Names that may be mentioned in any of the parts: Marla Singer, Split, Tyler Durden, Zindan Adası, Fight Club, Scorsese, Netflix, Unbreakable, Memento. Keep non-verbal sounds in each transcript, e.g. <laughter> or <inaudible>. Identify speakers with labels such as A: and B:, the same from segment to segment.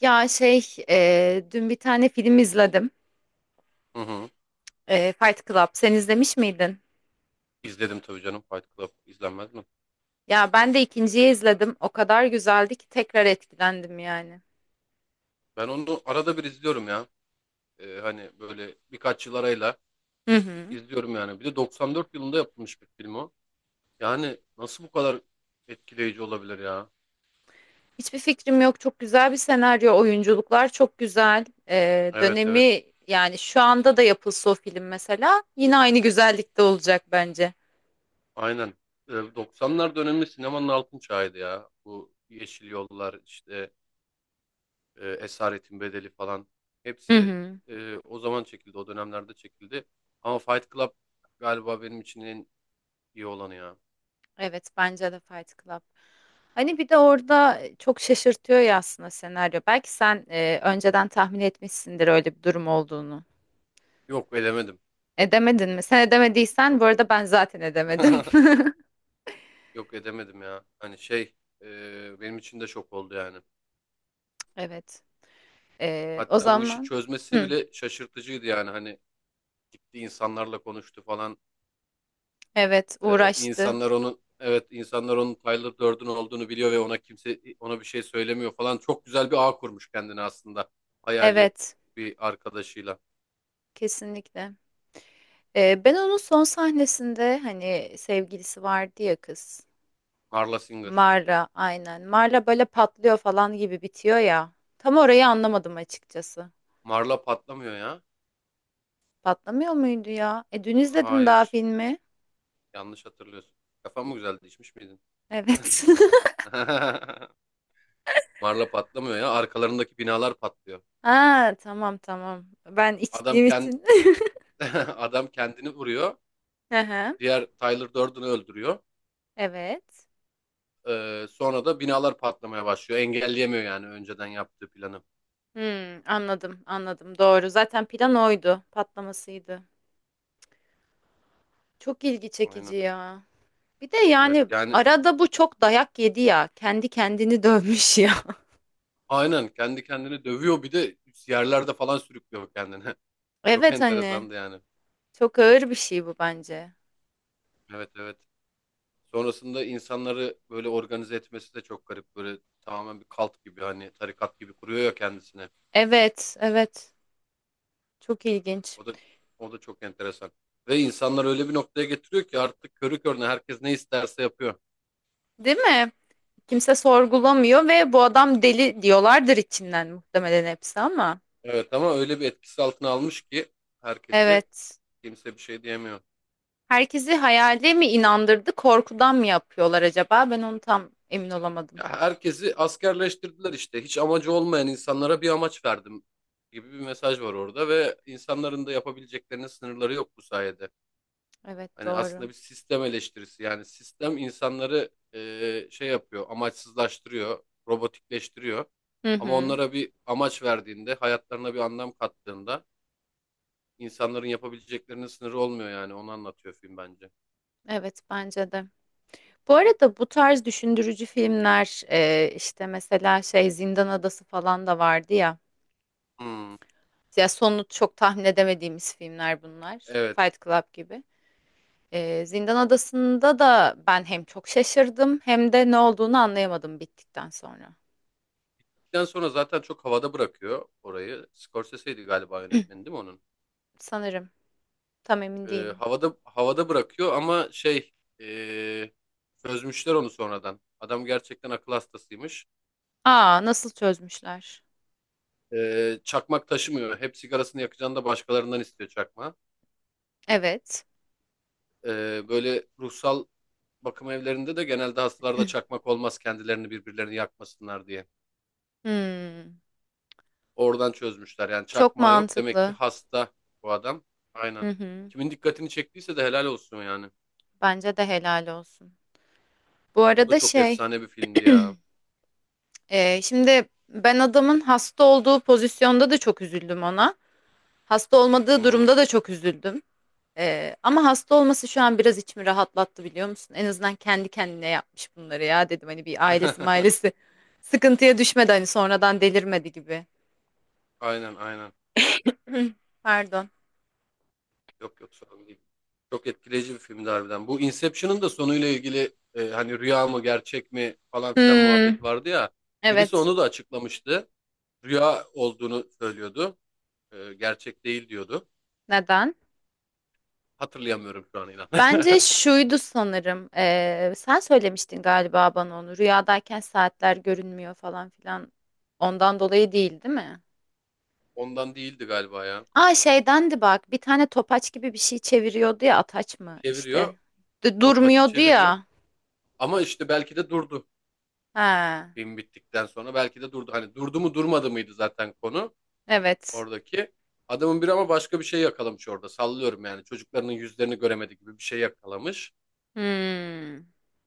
A: Ya şey, dün bir tane film izledim.
B: Hı hı.
A: Fight Club. Sen izlemiş miydin?
B: İzledim tabii canım Fight Club. İzlenmez mi?
A: Ya ben de ikinciyi izledim. O kadar güzeldi ki tekrar etkilendim yani.
B: Ben onu arada bir izliyorum ya. Hani böyle birkaç yıl arayla
A: Hı hı.
B: izliyorum yani. Bir de 94 yılında yapılmış bir film o. Yani nasıl bu kadar etkileyici olabilir ya?
A: Hiçbir fikrim yok. Çok güzel bir senaryo. Oyunculuklar çok güzel.
B: Evet, evet.
A: Dönemi yani şu anda da yapılsa o film mesela yine aynı güzellikte olacak bence.
B: Aynen. 90'lar dönemi sinemanın altın çağıydı ya. Bu Yeşil Yollar işte Esaretin Bedeli falan.
A: Hı
B: Hepsi
A: hı.
B: o zaman çekildi. O dönemlerde çekildi. Ama Fight Club galiba benim için en iyi olanı ya.
A: Evet bence de Fight Club. Hani bir de orada çok şaşırtıyor ya aslında senaryo. Belki sen önceden tahmin etmişsindir öyle bir durum olduğunu.
B: Yok elemedim
A: Edemedin mi? Sen edemediysen bu
B: Yok.
A: arada ben zaten edemedim.
B: <laughs>
A: <laughs>
B: Yok edemedim ya. Hani şey benim için de şok oldu yani.
A: Evet. O
B: Hatta bu işi
A: zaman.
B: çözmesi
A: Hı,
B: bile şaşırtıcıydı yani. Hani gitti insanlarla konuştu falan.
A: evet
B: E,
A: uğraştı.
B: insanlar onun evet insanlar onun Tyler Durden olduğunu biliyor ve kimse ona bir şey söylemiyor falan. Çok güzel bir ağ kurmuş kendine aslında. Hayali
A: Evet
B: bir arkadaşıyla.
A: kesinlikle. Ben onun son sahnesinde hani sevgilisi vardı ya kız.
B: Marla Singer.
A: Marla aynen. Marla böyle patlıyor falan gibi bitiyor ya. Tam orayı anlamadım açıkçası.
B: Marla patlamıyor ya.
A: Patlamıyor muydu ya? E dün izledim daha
B: Hayır.
A: filmi.
B: Yanlış hatırlıyorsun. Kafam mı güzeldi? İçmiş miydin?
A: Evet. <laughs>
B: <laughs> Marla patlamıyor ya. Arkalarındaki binalar patlıyor.
A: Ha tamam tamam. Ben
B: Adam
A: içtiğim
B: kend
A: için. <laughs>
B: <laughs> Adam kendini vuruyor.
A: Hı hı,
B: Diğer Tyler Durden'ı öldürüyor.
A: evet.
B: Sonra da binalar patlamaya başlıyor. Engelleyemiyor yani önceden yaptığı planı.
A: Hmm, anladım anladım doğru. Zaten plan oydu. Patlamasıydı. Çok ilgi çekici
B: Aynen.
A: ya. Bir de
B: Evet
A: yani
B: yani
A: arada bu çok dayak yedi ya. Kendi kendini dövmüş ya.
B: aynen kendi kendini dövüyor bir de yerlerde falan sürüklüyor kendini. <laughs>
A: <laughs>
B: Çok
A: Evet hani
B: enteresandı yani.
A: çok ağır bir şey bu bence.
B: Evet, evet. Sonrasında insanları böyle organize etmesi de çok garip. Böyle tamamen bir kalt gibi hani tarikat gibi kuruyor ya kendisine.
A: Evet evet. Çok ilginç.
B: O da o da çok enteresan. Ve insanlar öyle bir noktaya getiriyor ki artık körü körüne herkes ne isterse yapıyor.
A: Değil mi? Kimse sorgulamıyor ve bu adam deli diyorlardır içinden muhtemelen hepsi ama.
B: Evet ama öyle bir etkisi altına almış ki herkesi
A: Evet.
B: kimse bir şey diyemiyor.
A: Herkesi hayale mi inandırdı, korkudan mı yapıyorlar acaba? Ben onu tam emin olamadım.
B: Ya herkesi askerleştirdiler işte. Hiç amacı olmayan insanlara bir amaç verdim gibi bir mesaj var orada ve insanların da yapabileceklerinin sınırları yok bu sayede.
A: Evet
B: Hani
A: doğru.
B: aslında bir sistem eleştirisi yani sistem insanları şey yapıyor, amaçsızlaştırıyor, robotikleştiriyor.
A: Hı
B: Ama
A: hı.
B: onlara bir amaç verdiğinde, hayatlarına bir anlam kattığında insanların yapabileceklerinin sınırı olmuyor yani onu anlatıyor film bence.
A: Evet bence de. Bu arada bu tarz düşündürücü filmler işte mesela şey Zindan Adası falan da vardı ya.
B: Hmm,
A: Ya sonunu çok tahmin edemediğimiz filmler bunlar.
B: evet.
A: Fight Club gibi. Zindan Adası'nda da ben hem çok şaşırdım hem de ne olduğunu anlayamadım bittikten sonra.
B: Bittikten sonra zaten çok havada bırakıyor orayı. Scorsese'ydi galiba yönetmeni değil mi onun?
A: Sanırım. Tam emin
B: Ee,
A: değilim.
B: havada havada bırakıyor ama şey ee, çözmüşler onu sonradan. Adam gerçekten akıl hastasıymış.
A: Aa, nasıl çözmüşler?
B: Çakmak taşımıyor. Hep sigarasını yakacağını da başkalarından istiyor çakma.
A: Evet.
B: Böyle ruhsal bakım evlerinde de genelde hastalarda çakmak olmaz kendilerini birbirlerini yakmasınlar diye.
A: Hmm,
B: Oradan çözmüşler. Yani
A: çok
B: çakmağı yok. Demek ki
A: mantıklı.
B: hasta bu adam.
A: Hı
B: Aynen.
A: hı.
B: Kimin dikkatini çektiyse de helal olsun yani.
A: Bence de helal olsun. Bu
B: O da
A: arada
B: çok
A: şey,
B: efsane bir filmdi
A: <clears throat>
B: ya.
A: şimdi ben adamın hasta olduğu pozisyonda da çok üzüldüm ona. Hasta
B: Hı
A: olmadığı
B: hı.
A: durumda da çok üzüldüm. Ama hasta olması şu an biraz içimi rahatlattı biliyor musun? En azından kendi kendine yapmış bunları ya dedim. Hani bir ailesi
B: <laughs>
A: mailesi <laughs> sıkıntıya düşmedi hani sonradan delirmedi gibi.
B: Aynen, aynen.
A: <clears throat> Pardon.
B: Yok, yok, sorun değil. Çok etkileyici bir filmdi harbiden. Bu Inception'ın da sonuyla ilgili hani rüya mı gerçek mi falan filan
A: Hmm,
B: muhabbeti vardı ya. Birisi
A: evet.
B: onu da açıklamıştı. Rüya olduğunu söylüyordu. Gerçek değil diyordu.
A: Neden?
B: Hatırlayamıyorum şu an inan.
A: Bence
B: <laughs>
A: şuydu sanırım. Sen söylemiştin galiba bana onu. Rüyadayken saatler görünmüyor falan filan. Ondan dolayı değil, değil mi?
B: Ondan değildi galiba ya.
A: Aa şeydendi bak. Bir tane topaç gibi bir şey çeviriyordu ya. Ataç mı
B: Çeviriyor.
A: işte?
B: Topaçı
A: Durmuyordu
B: çeviriyor.
A: ya.
B: Ama işte belki de durdu.
A: He.
B: Film bittikten sonra belki de durdu. Hani durdu mu durmadı mıydı zaten konu.
A: Evet.
B: oradaki. Adamın biri ama başka bir şey yakalamış orada. Sallıyorum yani. Çocuklarının yüzlerini göremedi gibi bir şey yakalamış.
A: Hmm.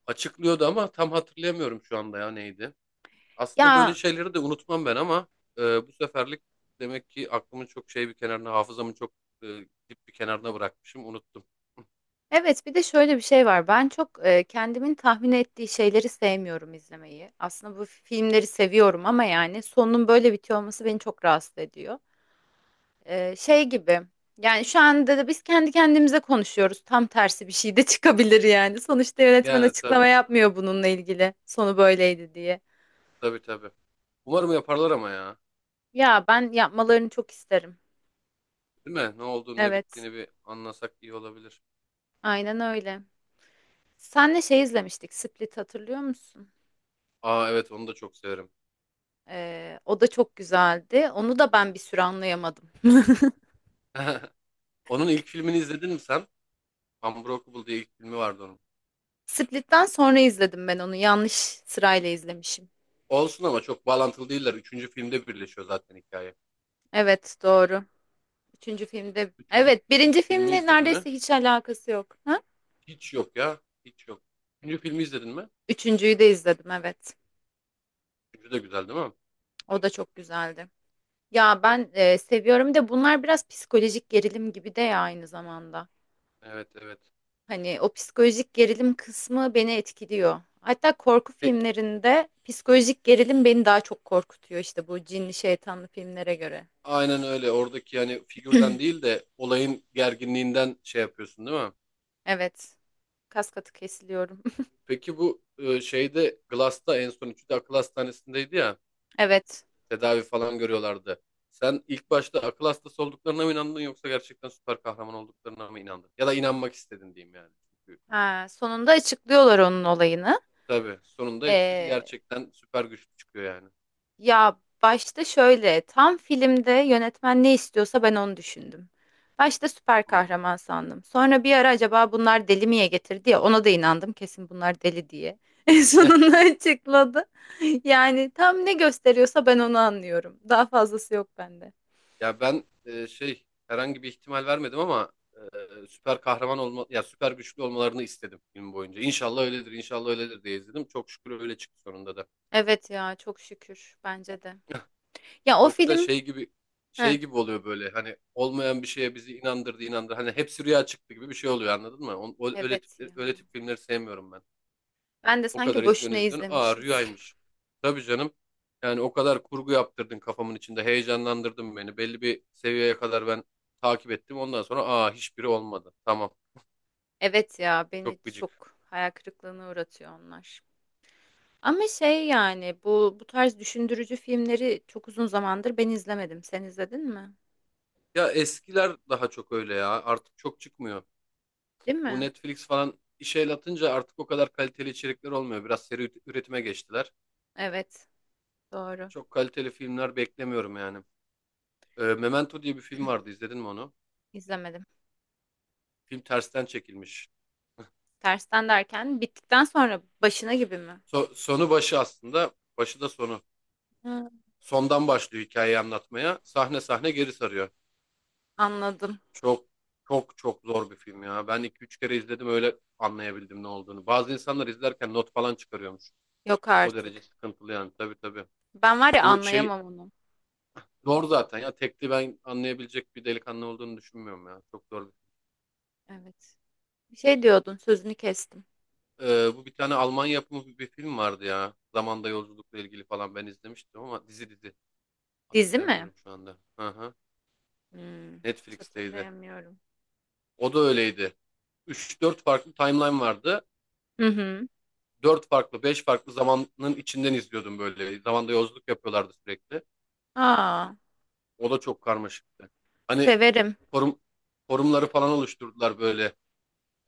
B: Açıklıyordu ama tam hatırlayamıyorum şu anda ya neydi. Aslında böyle
A: Ya
B: şeyleri de unutmam ben ama e, bu seferlik demek ki aklımın çok şey bir kenarına, hafızamın çok e, dip bir kenarına bırakmışım. Unuttum. <laughs>
A: evet bir de şöyle bir şey var. Ben çok kendimin tahmin ettiği şeyleri sevmiyorum izlemeyi. Aslında bu filmleri seviyorum ama yani sonunun böyle bitiyor olması beni çok rahatsız ediyor. Şey gibi yani şu anda da biz kendi kendimize konuşuyoruz. Tam tersi bir şey de <laughs> çıkabilir yani. Sonuçta yönetmen
B: Yani
A: açıklama
B: tabii.
A: yapmıyor bununla ilgili. Sonu böyleydi diye.
B: Tabii, tabii. Umarım yaparlar ama ya.
A: Ya ben yapmalarını çok isterim.
B: Değil mi? Ne olduğunu ne
A: Evet.
B: bittiğini bir anlasak iyi olabilir.
A: Aynen öyle. Senle şey izlemiştik. Split hatırlıyor musun?
B: Aa evet onu da çok severim.
A: O da çok güzeldi. Onu da ben bir süre anlayamadım.
B: <laughs> Onun ilk filmini izledin mi sen? Unbreakable diye ilk filmi vardı onun.
A: Split'ten sonra izledim ben onu. Yanlış sırayla izlemişim.
B: Olsun ama çok bağlantılı değiller. Üçüncü filmde birleşiyor zaten hikaye.
A: Evet, doğru. Üçüncü filmde
B: Üçüncü
A: evet birinci
B: filmi
A: filmle
B: izledin mi?
A: neredeyse hiç alakası yok. Ha?
B: Hiç yok ya. Hiç yok. Üçüncü filmi izledin mi?
A: Üçüncüyü de izledim evet.
B: Üçüncü de güzel değil mi?
A: O da çok güzeldi. Ya ben seviyorum de bunlar biraz psikolojik gerilim gibi de ya aynı zamanda.
B: Evet, evet.
A: Hani o psikolojik gerilim kısmı beni etkiliyor. Hatta korku
B: E,
A: filmlerinde psikolojik gerilim beni daha çok korkutuyor işte bu cinli şeytanlı filmlere göre.
B: aynen öyle. Oradaki yani figürden değil de olayın gerginliğinden şey yapıyorsun değil mi?
A: Evet. Kas katı kesiliyorum. <laughs>
B: Peki bu şeyde Glass'ta en son üçü de akıl hastanesindeydi ya.
A: Evet.
B: Tedavi falan görüyorlardı. Sen ilk başta akıl hastası olduklarına mı inandın yoksa gerçekten süper kahraman olduklarına mı inandın? Ya da inanmak istedin diyeyim yani.
A: Ha, sonunda açıklıyorlar onun olayını.
B: Tabii. Sonunda hepsi
A: Ee,
B: gerçekten süper güçlü çıkıyor yani.
A: Ya başta şöyle tam filmde yönetmen ne istiyorsa ben onu düşündüm. Başta süper
B: Hmm.
A: kahraman sandım. Sonra bir ara acaba bunlar deli miye getirdi ya ona da inandım kesin bunlar deli diye. <laughs> En
B: Ya
A: sonunda açıkladı. Yani tam ne gösteriyorsa ben onu anlıyorum. Daha fazlası yok bende.
B: ya ben şey herhangi bir ihtimal vermedim ama süper kahraman olma ya süper güçlü olmalarını istedim film boyunca. İnşallah öyledir, inşallah öyledir diye izledim. Çok şükür öyle çıktı sonunda da.
A: Evet ya çok şükür bence de. Ya o
B: Yoksa
A: film.
B: şey gibi
A: Heh,
B: şey gibi oluyor böyle hani olmayan bir şeye bizi inandırdı inandırdı. Hani hepsi rüya çıktı gibi bir şey oluyor anladın mı? Öyle tip,
A: evet ya.
B: öyle tip filmleri sevmiyorum ben.
A: Ben de
B: O kadar
A: sanki boşuna
B: izliyorsun izliyorsun. Aa
A: izlemişiz. <laughs>
B: rüyaymış. Tabii canım. Yani o kadar kurgu yaptırdın kafamın içinde. Heyecanlandırdın beni. Belli bir seviyeye kadar ben takip ettim. Ondan sonra aa hiçbiri olmadı. Tamam.
A: Evet ya beni
B: Çok gıcık.
A: çok hayal kırıklığına uğratıyor onlar. Ama şey yani bu tarz düşündürücü filmleri çok uzun zamandır ben izlemedim. Sen izledin mi?
B: Ya eskiler daha çok öyle ya. Artık çok çıkmıyor.
A: Değil
B: Bu
A: mi?
B: Netflix falan işe el atınca artık o kadar kaliteli içerikler olmuyor. Biraz seri üretime geçtiler.
A: Evet, doğru.
B: Çok kaliteli filmler beklemiyorum yani. Memento diye bir film vardı. İzledin mi onu?
A: İzlemedim.
B: Film tersten çekilmiş.
A: Tersten derken bittikten sonra başına gibi mi?
B: Sonu başı aslında. Başı da sonu.
A: Hı,
B: Sondan başlıyor hikayeyi anlatmaya. Sahne sahne geri sarıyor.
A: anladım.
B: Çok çok çok zor bir film ya. Ben iki üç kere izledim öyle anlayabildim ne olduğunu. Bazı insanlar izlerken not falan çıkarıyormuş.
A: Yok
B: O derece
A: artık.
B: sıkıntılı yani tabii tabii.
A: Ben var ya
B: Bu şey
A: anlayamam onu.
B: zor zaten ya. Tekli ben anlayabilecek bir delikanlı olduğunu düşünmüyorum ya. Çok zor bir
A: Evet. Bir şey diyordun, sözünü kestim.
B: bu bir tane Alman yapımı bir film vardı ya. Zamanda yolculukla ilgili falan ben izlemiştim ama dizi dizi.
A: Dizi mi?
B: Hatırlayamıyorum şu anda. Aha,
A: Hmm, hiç
B: Netflix'teydi.
A: hatırlayamıyorum.
B: O da öyleydi. Üç dört farklı timeline vardı.
A: Hı hı.
B: Dört farklı, beş farklı zamanın içinden izliyordum böyle. Zamanda yolculuk yapıyorlardı sürekli.
A: Aa,
B: O da çok karmaşıktı. Hani
A: severim.
B: forum forumları falan oluşturdular böyle.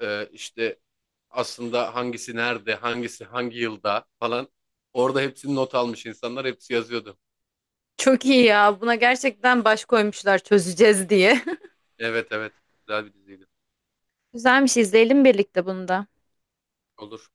B: İşte aslında hangisi nerede, hangisi hangi yılda falan. Orada hepsini not almış insanlar, hepsi yazıyordu.
A: Çok iyi ya. Buna gerçekten baş koymuşlar çözeceğiz diye.
B: Evet evet, güzel bir diziydi.
A: <laughs> Güzelmiş izleyelim birlikte bunu da.
B: Olur.